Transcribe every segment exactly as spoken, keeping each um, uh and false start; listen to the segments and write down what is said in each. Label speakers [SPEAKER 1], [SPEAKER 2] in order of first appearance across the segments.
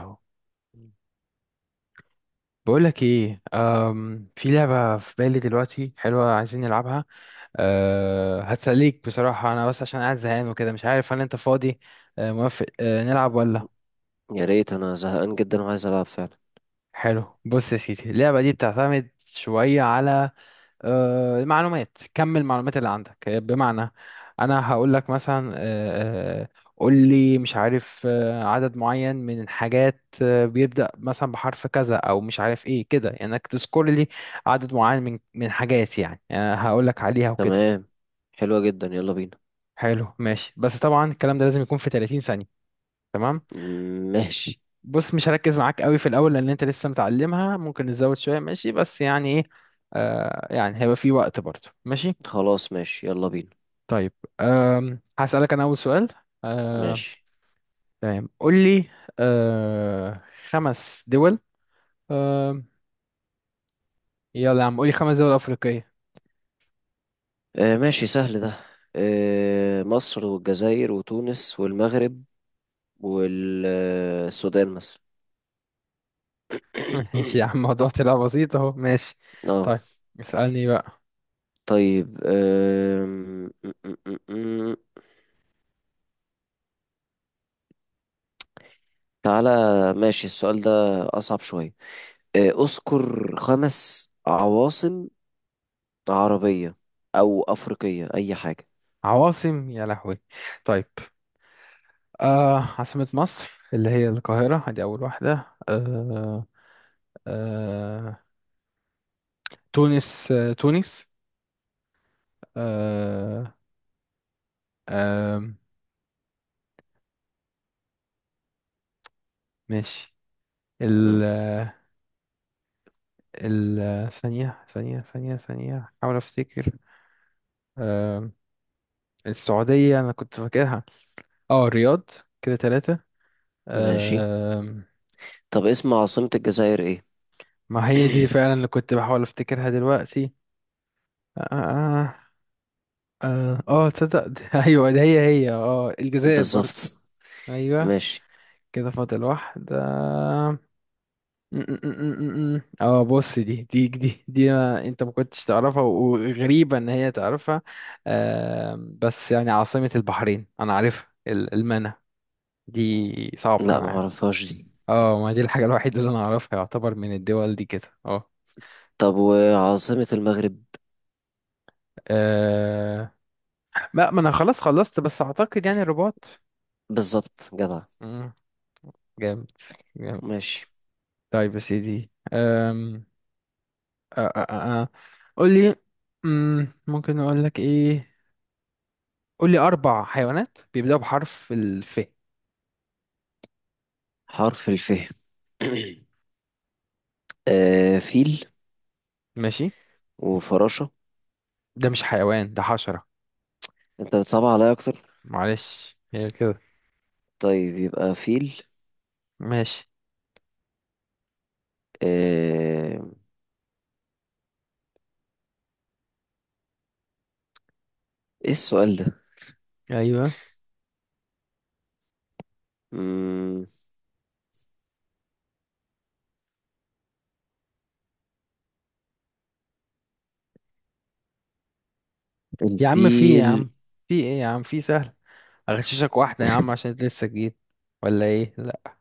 [SPEAKER 1] أهو. بقولك ايه، أم في لعبة في بالي دلوقتي حلوة عايزين نلعبها. أه هتسليك بصراحة، انا بس عشان قاعد زهقان وكده مش عارف هل انت فاضي. أه موافق؟ أه نلعب ولا؟
[SPEAKER 2] يا ريت انا زهقان جدا وعايز العب فعلا.
[SPEAKER 1] حلو، بص يا سيدي اللعبة دي بتعتمد شوية على آه، معلومات. كمل المعلومات اللي عندك، آه، بمعنى انا هقول لك مثلا، آه، آه، قول لي مش عارف آه، عدد معين من الحاجات آه، بيبدأ مثلا بحرف كذا او مش عارف ايه كده، يعني انك تذكر لي عدد معين من من حاجات، يعني هقول لك عليها وكده.
[SPEAKER 2] تمام. حلوة جدا، يلا بينا.
[SPEAKER 1] حلو ماشي، بس طبعا الكلام ده لازم يكون في ثلاثين ثانية. تمام.
[SPEAKER 2] مم، ماشي.
[SPEAKER 1] بص مش هركز معاك قوي في الاول لان انت لسه متعلمها، ممكن نزود شوية ماشي، بس يعني ايه، آه، يعني هيبقى في وقت برضه ماشي.
[SPEAKER 2] خلاص ماشي، يلا بينا.
[SPEAKER 1] طيب، أم هسألك أنا أول سؤال. أم،
[SPEAKER 2] ماشي.
[SPEAKER 1] تمام قول لي. أه خمس دول. أم، يلا يا عم قول لي خمس دول أفريقية.
[SPEAKER 2] آه، ماشي سهل ده. آه، مصر والجزائر وتونس والمغرب والسودان مثلا.
[SPEAKER 1] ماشي يا عم، الموضوع طلع بسيط أهو، ماشي.
[SPEAKER 2] اه.
[SPEAKER 1] طيب اسألني بقى.
[SPEAKER 2] طيب آم، م- م- م- م. تعالى. ماشي السؤال ده أصعب شوية. آه، اذكر خمس عواصم عربية أو أفريقية أي حاجة.
[SPEAKER 1] عواصم! يا لهوي. طيب، أه عاصمة مصر اللي هي القاهرة، هذه أول واحدة. أه أه، تونس، أه تونس. أه أه ماشي.
[SPEAKER 2] مم.
[SPEAKER 1] ال- ثانية ثانية ثانية ثانية حاول أفتكر. آم، السعودية أنا كنت فاكرها، اه الرياض. كده تلاتة.
[SPEAKER 2] ماشي.
[SPEAKER 1] آم،
[SPEAKER 2] طب اسم عاصمة الجزائر ايه؟
[SPEAKER 1] ما هي دي فعلا اللي كنت بحاول أفتكرها دلوقتي. اه اه اه آه، آه، تصدق دي- أيوة ده هي هي اه الجزائر برضو.
[SPEAKER 2] بالظبط.
[SPEAKER 1] أيوة،
[SPEAKER 2] ماشي.
[SPEAKER 1] كده فاضل واحدة. م- م- م- م- م. اه بص، دي دي دي دي ما انت ما كنتش تعرفها، وغريبة ان هي تعرفها. آم، بس يعني عاصمة البحرين انا عارفها، ال- المنى دي. صعبة
[SPEAKER 2] لا،
[SPEAKER 1] انا
[SPEAKER 2] ما
[SPEAKER 1] عارف.
[SPEAKER 2] اعرفهاش دي.
[SPEAKER 1] اه، ما دي الحاجة الوحيدة اللي انا اعرفها يعتبر من الدول دي كده، اه.
[SPEAKER 2] طب وعاصمة المغرب؟
[SPEAKER 1] آه، ما ما انا خلاص خلصت، بس اعتقد يعني الرباط.
[SPEAKER 2] بالظبط، جدع.
[SPEAKER 1] مم، جامد، جامد.
[SPEAKER 2] ماشي.
[SPEAKER 1] طيب يا سيدي، آم، آه، آه، آه، آه. قول لي. مم، ممكن اقول لك ايه؟ قول لي أربع حيوانات بيبدأوا بحرف الف.
[SPEAKER 2] حرف الف. آه، فيل.
[SPEAKER 1] ماشي.
[SPEAKER 2] وفراشة.
[SPEAKER 1] ده مش حيوان، ده حشرة.
[SPEAKER 2] انت بتصعب عليا اكتر.
[SPEAKER 1] معلش هي كده.
[SPEAKER 2] طيب يبقى فيل.
[SPEAKER 1] ماشي.
[SPEAKER 2] آه. ايه السؤال ده؟
[SPEAKER 1] أيوه
[SPEAKER 2] مم...
[SPEAKER 1] يا عم، في إيه يا عم؟
[SPEAKER 2] الفيل.
[SPEAKER 1] في إيه يا عم؟ في سهل، أغششك واحدة يا عم عشان أنت لسه جديد، ولا إيه؟ لأ،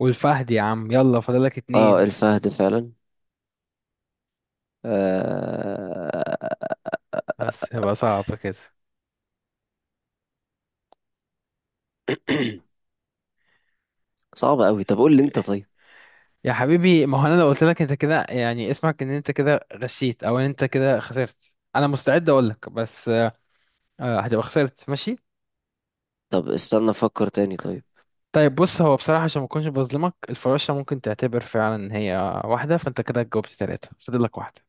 [SPEAKER 1] والفهد يا عم، يلا فاضلك
[SPEAKER 2] اه،
[SPEAKER 1] اتنين.
[SPEAKER 2] الفهد فعلا. آه...
[SPEAKER 1] بس هيبقى صعب كده.
[SPEAKER 2] صعب قوي، طب قول لي انت طيب.
[SPEAKER 1] يا حبيبي، ما هو أنا لو قلت لك أنت كده يعني اسمعك إن أنت كده غشيت، أو إن أنت كده خسرت، أنا مستعد أقول لك، بس آه، هتبقى خسرت ماشي.
[SPEAKER 2] طب استنى افكر تاني، طيب.
[SPEAKER 1] طيب بص، هو بصراحة عشان ما اكونش بظلمك، الفراشة ممكن تعتبر فعلا ان هي واحدة، فانت كده جاوبت ثلاثة فاضل لك واحدة.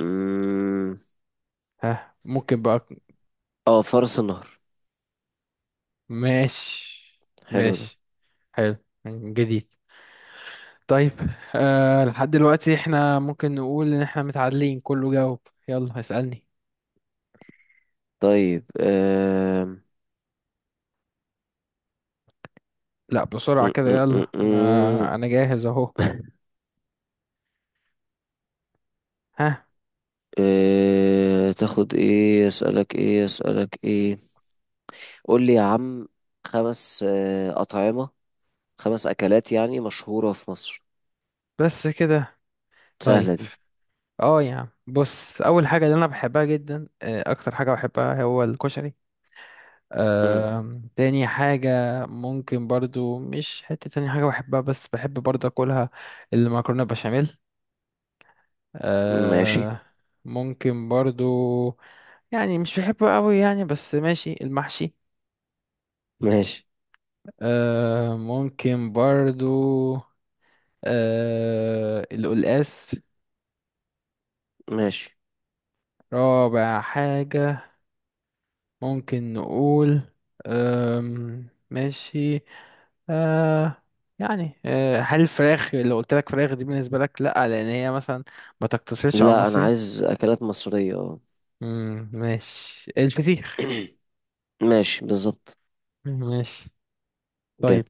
[SPEAKER 2] مم...
[SPEAKER 1] ها، ممكن بقى؟
[SPEAKER 2] اه، فرس النهر.
[SPEAKER 1] ماشي.
[SPEAKER 2] حلو ده.
[SPEAKER 1] ماشي، حلو، جديد. طيب أه، لحد دلوقتي احنا ممكن نقول ان احنا متعادلين، كله جاوب. يلا اسألني.
[SPEAKER 2] طيب آم،
[SPEAKER 1] لا بسرعة
[SPEAKER 2] م-
[SPEAKER 1] كده،
[SPEAKER 2] م-
[SPEAKER 1] يلا
[SPEAKER 2] م- م.
[SPEAKER 1] انا انا جاهز اهو. ها.
[SPEAKER 2] آه، تاخد ايه، اسألك ايه اسألك ايه قول لي يا عم. خمس آه، أطعمة، خمس أكلات يعني مشهورة في مصر.
[SPEAKER 1] بس كده؟ طيب.
[SPEAKER 2] سهلة دي.
[SPEAKER 1] اه يا عم بص، اول حاجة اللي انا بحبها جدا، آه، اكتر حاجة بحبها، هو الكشري.
[SPEAKER 2] مم.
[SPEAKER 1] آم، تاني حاجة، ممكن برضو، مش حتة تاني حاجة بحبها بس بحب برضو أكلها، المكرونة بشاميل.
[SPEAKER 2] ماشي،
[SPEAKER 1] آه، ممكن برضو، يعني مش بحبه قوي يعني، بس ماشي، المحشي.
[SPEAKER 2] ماشي،
[SPEAKER 1] آه، ممكن برضو، آه، القلقاس.
[SPEAKER 2] ماشي.
[SPEAKER 1] رابع حاجة، ممكن نقول، آم، ماشي. آه، يعني آه، هل الفراخ اللي قلت لك فراخ دي بالنسبة لك لأ؟ لأن هي مثلا ما تقتصرش على
[SPEAKER 2] لا، أنا
[SPEAKER 1] المصري.
[SPEAKER 2] عايز أكلات مصرية، اه.
[SPEAKER 1] مم ماشي، الفسيخ.
[SPEAKER 2] ماشي بالظبط.
[SPEAKER 1] مم، ماشي.
[SPEAKER 2] جاب.
[SPEAKER 1] طيب،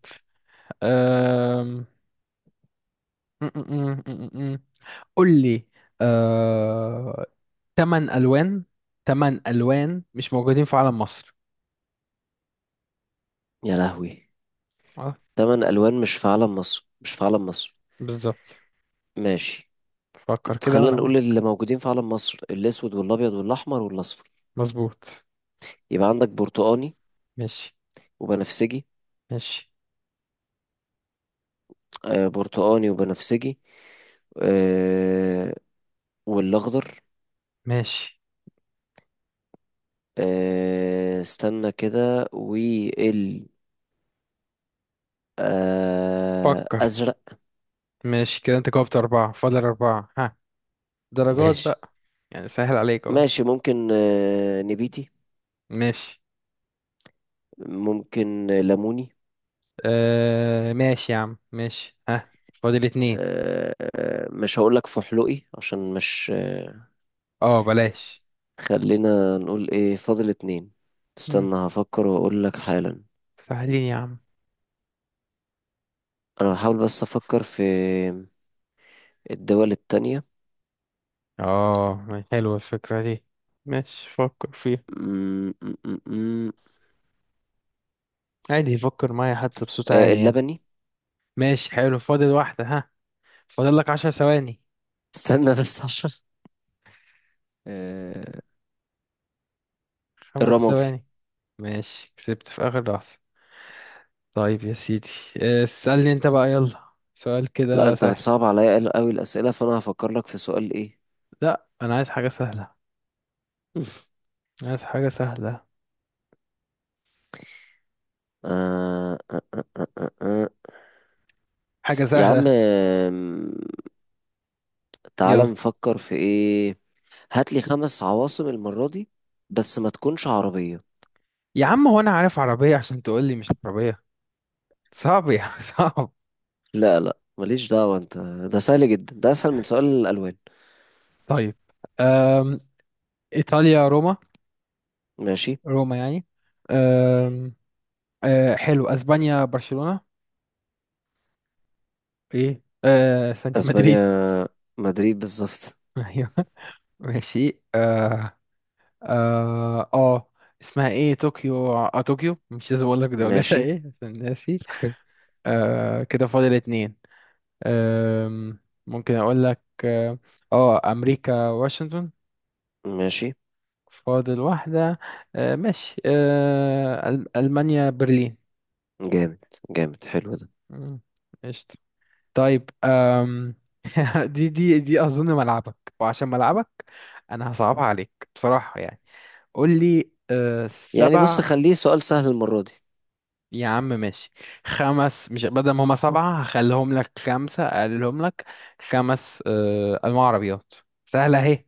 [SPEAKER 1] آم، م- م- م- م- م. قول لي. آه، تمن ألوان، تمن ألوان مش موجودين في علم مصر.
[SPEAKER 2] يا لهوي.
[SPEAKER 1] اه،
[SPEAKER 2] تمن ألوان مش في علم مصر، مش في علم مصر.
[SPEAKER 1] بالظبط.
[SPEAKER 2] ماشي.
[SPEAKER 1] فكر كده
[SPEAKER 2] خلينا
[SPEAKER 1] وأنا
[SPEAKER 2] نقول
[SPEAKER 1] معاك.
[SPEAKER 2] اللي موجودين في علم مصر: الأسود والأبيض والأحمر والأصفر.
[SPEAKER 1] مظبوط.
[SPEAKER 2] يبقى عندك برتقاني.
[SPEAKER 1] ماشي.
[SPEAKER 2] وبنفسجي.
[SPEAKER 1] ماشي.
[SPEAKER 2] آه، برتقاني وبنفسجي. آه، والأخضر.
[SPEAKER 1] ماشي
[SPEAKER 2] آه، استنى كده وال آه
[SPEAKER 1] فكر.
[SPEAKER 2] أزرق.
[SPEAKER 1] ماشي كده، أنت جاوبت أربعة فاضل أربعة، ها درجات
[SPEAKER 2] ماشي
[SPEAKER 1] بقى، يعني سهل عليك اهو.
[SPEAKER 2] ماشي. ممكن آه نبيتي.
[SPEAKER 1] ماشي.
[SPEAKER 2] ممكن ليموني.
[SPEAKER 1] آه ماشي يا عم، ماشي. ها، فاضل اتنين.
[SPEAKER 2] آه آه، مش هقولك فحلقي عشان مش آه
[SPEAKER 1] اه بلاش.
[SPEAKER 2] خلينا نقول ايه فاضل اتنين.
[SPEAKER 1] مم.
[SPEAKER 2] استنى هفكر واقولك حالا.
[SPEAKER 1] سهلين يا عم.
[SPEAKER 2] انا بحاول بس افكر في الدول التانية.
[SPEAKER 1] اه، حلوة الفكرة دي، ماشي فكر فيها.
[SPEAKER 2] م- م- م- م.
[SPEAKER 1] عادي يفكر معايا حتى بصوت
[SPEAKER 2] آه،
[SPEAKER 1] عالي يعني.
[SPEAKER 2] اللبني.
[SPEAKER 1] ماشي حلو، فاضل واحدة. ها، فاضل لك عشر ثواني.
[SPEAKER 2] استنى بس عشان آه،
[SPEAKER 1] خمس
[SPEAKER 2] الرمادي.
[SPEAKER 1] ثواني. ماشي، كسبت في آخر لحظة. طيب يا سيدي، آه، اسألني انت بقى، يلا سؤال
[SPEAKER 2] لا،
[SPEAKER 1] كده
[SPEAKER 2] انت
[SPEAKER 1] سهل.
[SPEAKER 2] بتصعب عليا قوي الاسئله، فانا هفكر لك في سؤال ايه.
[SPEAKER 1] لا انا عايز حاجة سهلة، عايز حاجة سهلة،
[SPEAKER 2] آه، آه، آه، آه، آه، آه.
[SPEAKER 1] حاجة
[SPEAKER 2] يا عم،
[SPEAKER 1] سهلة.
[SPEAKER 2] آم، تعالى
[SPEAKER 1] يلا
[SPEAKER 2] نفكر في ايه. هات لي خمس عواصم المره دي، بس ما تكونش عربيه.
[SPEAKER 1] يا عم، هو انا عارف عربية عشان تقول لي مش عربية؟ صعب يا صعب.
[SPEAKER 2] لا لا، ماليش دعوه انت. ده سهل جدا، ده اسهل من سؤال الالوان.
[SPEAKER 1] طيب، أم... ايطاليا، روما.
[SPEAKER 2] ماشي.
[SPEAKER 1] روما يعني. أم... أه حلو، اسبانيا، برشلونة. ايه أه... ثانية،
[SPEAKER 2] اسبانيا
[SPEAKER 1] مدريد.
[SPEAKER 2] مدريد بالظبط.
[SPEAKER 1] ايوه. ماشي. اه اه آه. اسمها ايه، طوكيو، اه طوكيو، مش لازم اقول لك دولتها
[SPEAKER 2] ماشي.
[SPEAKER 1] ايه عشان ناسي. آه، كده فاضل اتنين. آم، ممكن اقول لك اه، آه، امريكا، واشنطن.
[SPEAKER 2] ماشي،
[SPEAKER 1] فاضل واحدة. آه ماشي، آه أل- ألمانيا، برلين.
[SPEAKER 2] جامد جامد، حلو ده.
[SPEAKER 1] مم، قشطة. طيب آم. دي دي دي أظن ملعبك، وعشان ملعبك أنا هصعبها عليك بصراحة يعني. قول لي آه،
[SPEAKER 2] يعني
[SPEAKER 1] سبع.
[SPEAKER 2] بص، خليه سؤال سهل المرة دي.
[SPEAKER 1] يا عم ماشي. خمس، مش بدل ما هما سبعة هخليهم لك خمسة، أقللهم لك. خمس آه أنواع عربيات. سهلة أهي.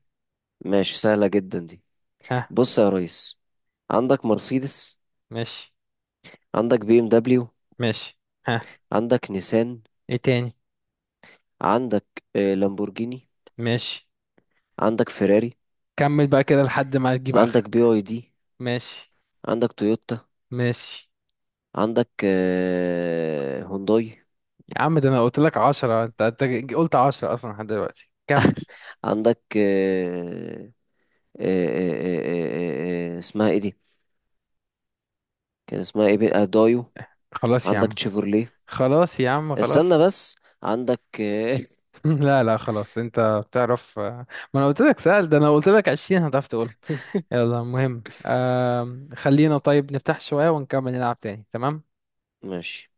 [SPEAKER 2] ماشي، سهلة جدا دي.
[SPEAKER 1] ها.
[SPEAKER 2] بص يا ريس، عندك مرسيدس.
[SPEAKER 1] ماشي.
[SPEAKER 2] عندك بي ام دبليو.
[SPEAKER 1] ماشي. ها.
[SPEAKER 2] عندك نيسان.
[SPEAKER 1] إيه تاني؟
[SPEAKER 2] عندك آه، لامبورجيني.
[SPEAKER 1] ماشي.
[SPEAKER 2] عندك فيراري.
[SPEAKER 1] كمل بقى كده لحد ما تجيب
[SPEAKER 2] عندك بي
[SPEAKER 1] آخرك.
[SPEAKER 2] اي دي.
[SPEAKER 1] ماشي.
[SPEAKER 2] عندك تويوتا.
[SPEAKER 1] ماشي.
[SPEAKER 2] عندك آه، هونداي.
[SPEAKER 1] يا عم، ده انا قلت لك عشرة، انت انت قلت عشرة اصلا لحد دلوقتي، كمل.
[SPEAKER 2] عندك آه، آه، آه، آه، آه، آه، اسمها ايه دي؟ كان اسمها ايه، بي- آه، دايو.
[SPEAKER 1] خلاص يا
[SPEAKER 2] عندك
[SPEAKER 1] عم،
[SPEAKER 2] تشيفرليه.
[SPEAKER 1] خلاص يا عم خلاص.
[SPEAKER 2] استنى بس. عندك آه،
[SPEAKER 1] لا لا خلاص، انت بتعرف آه، ما انا قلت لك سأل ده، انا قلت لك عشرين هتعرف تقول. يلا المهم، آم، خلينا طيب نفتح شوية ونكمل نلعب تاني، تمام.
[SPEAKER 2] ماشي.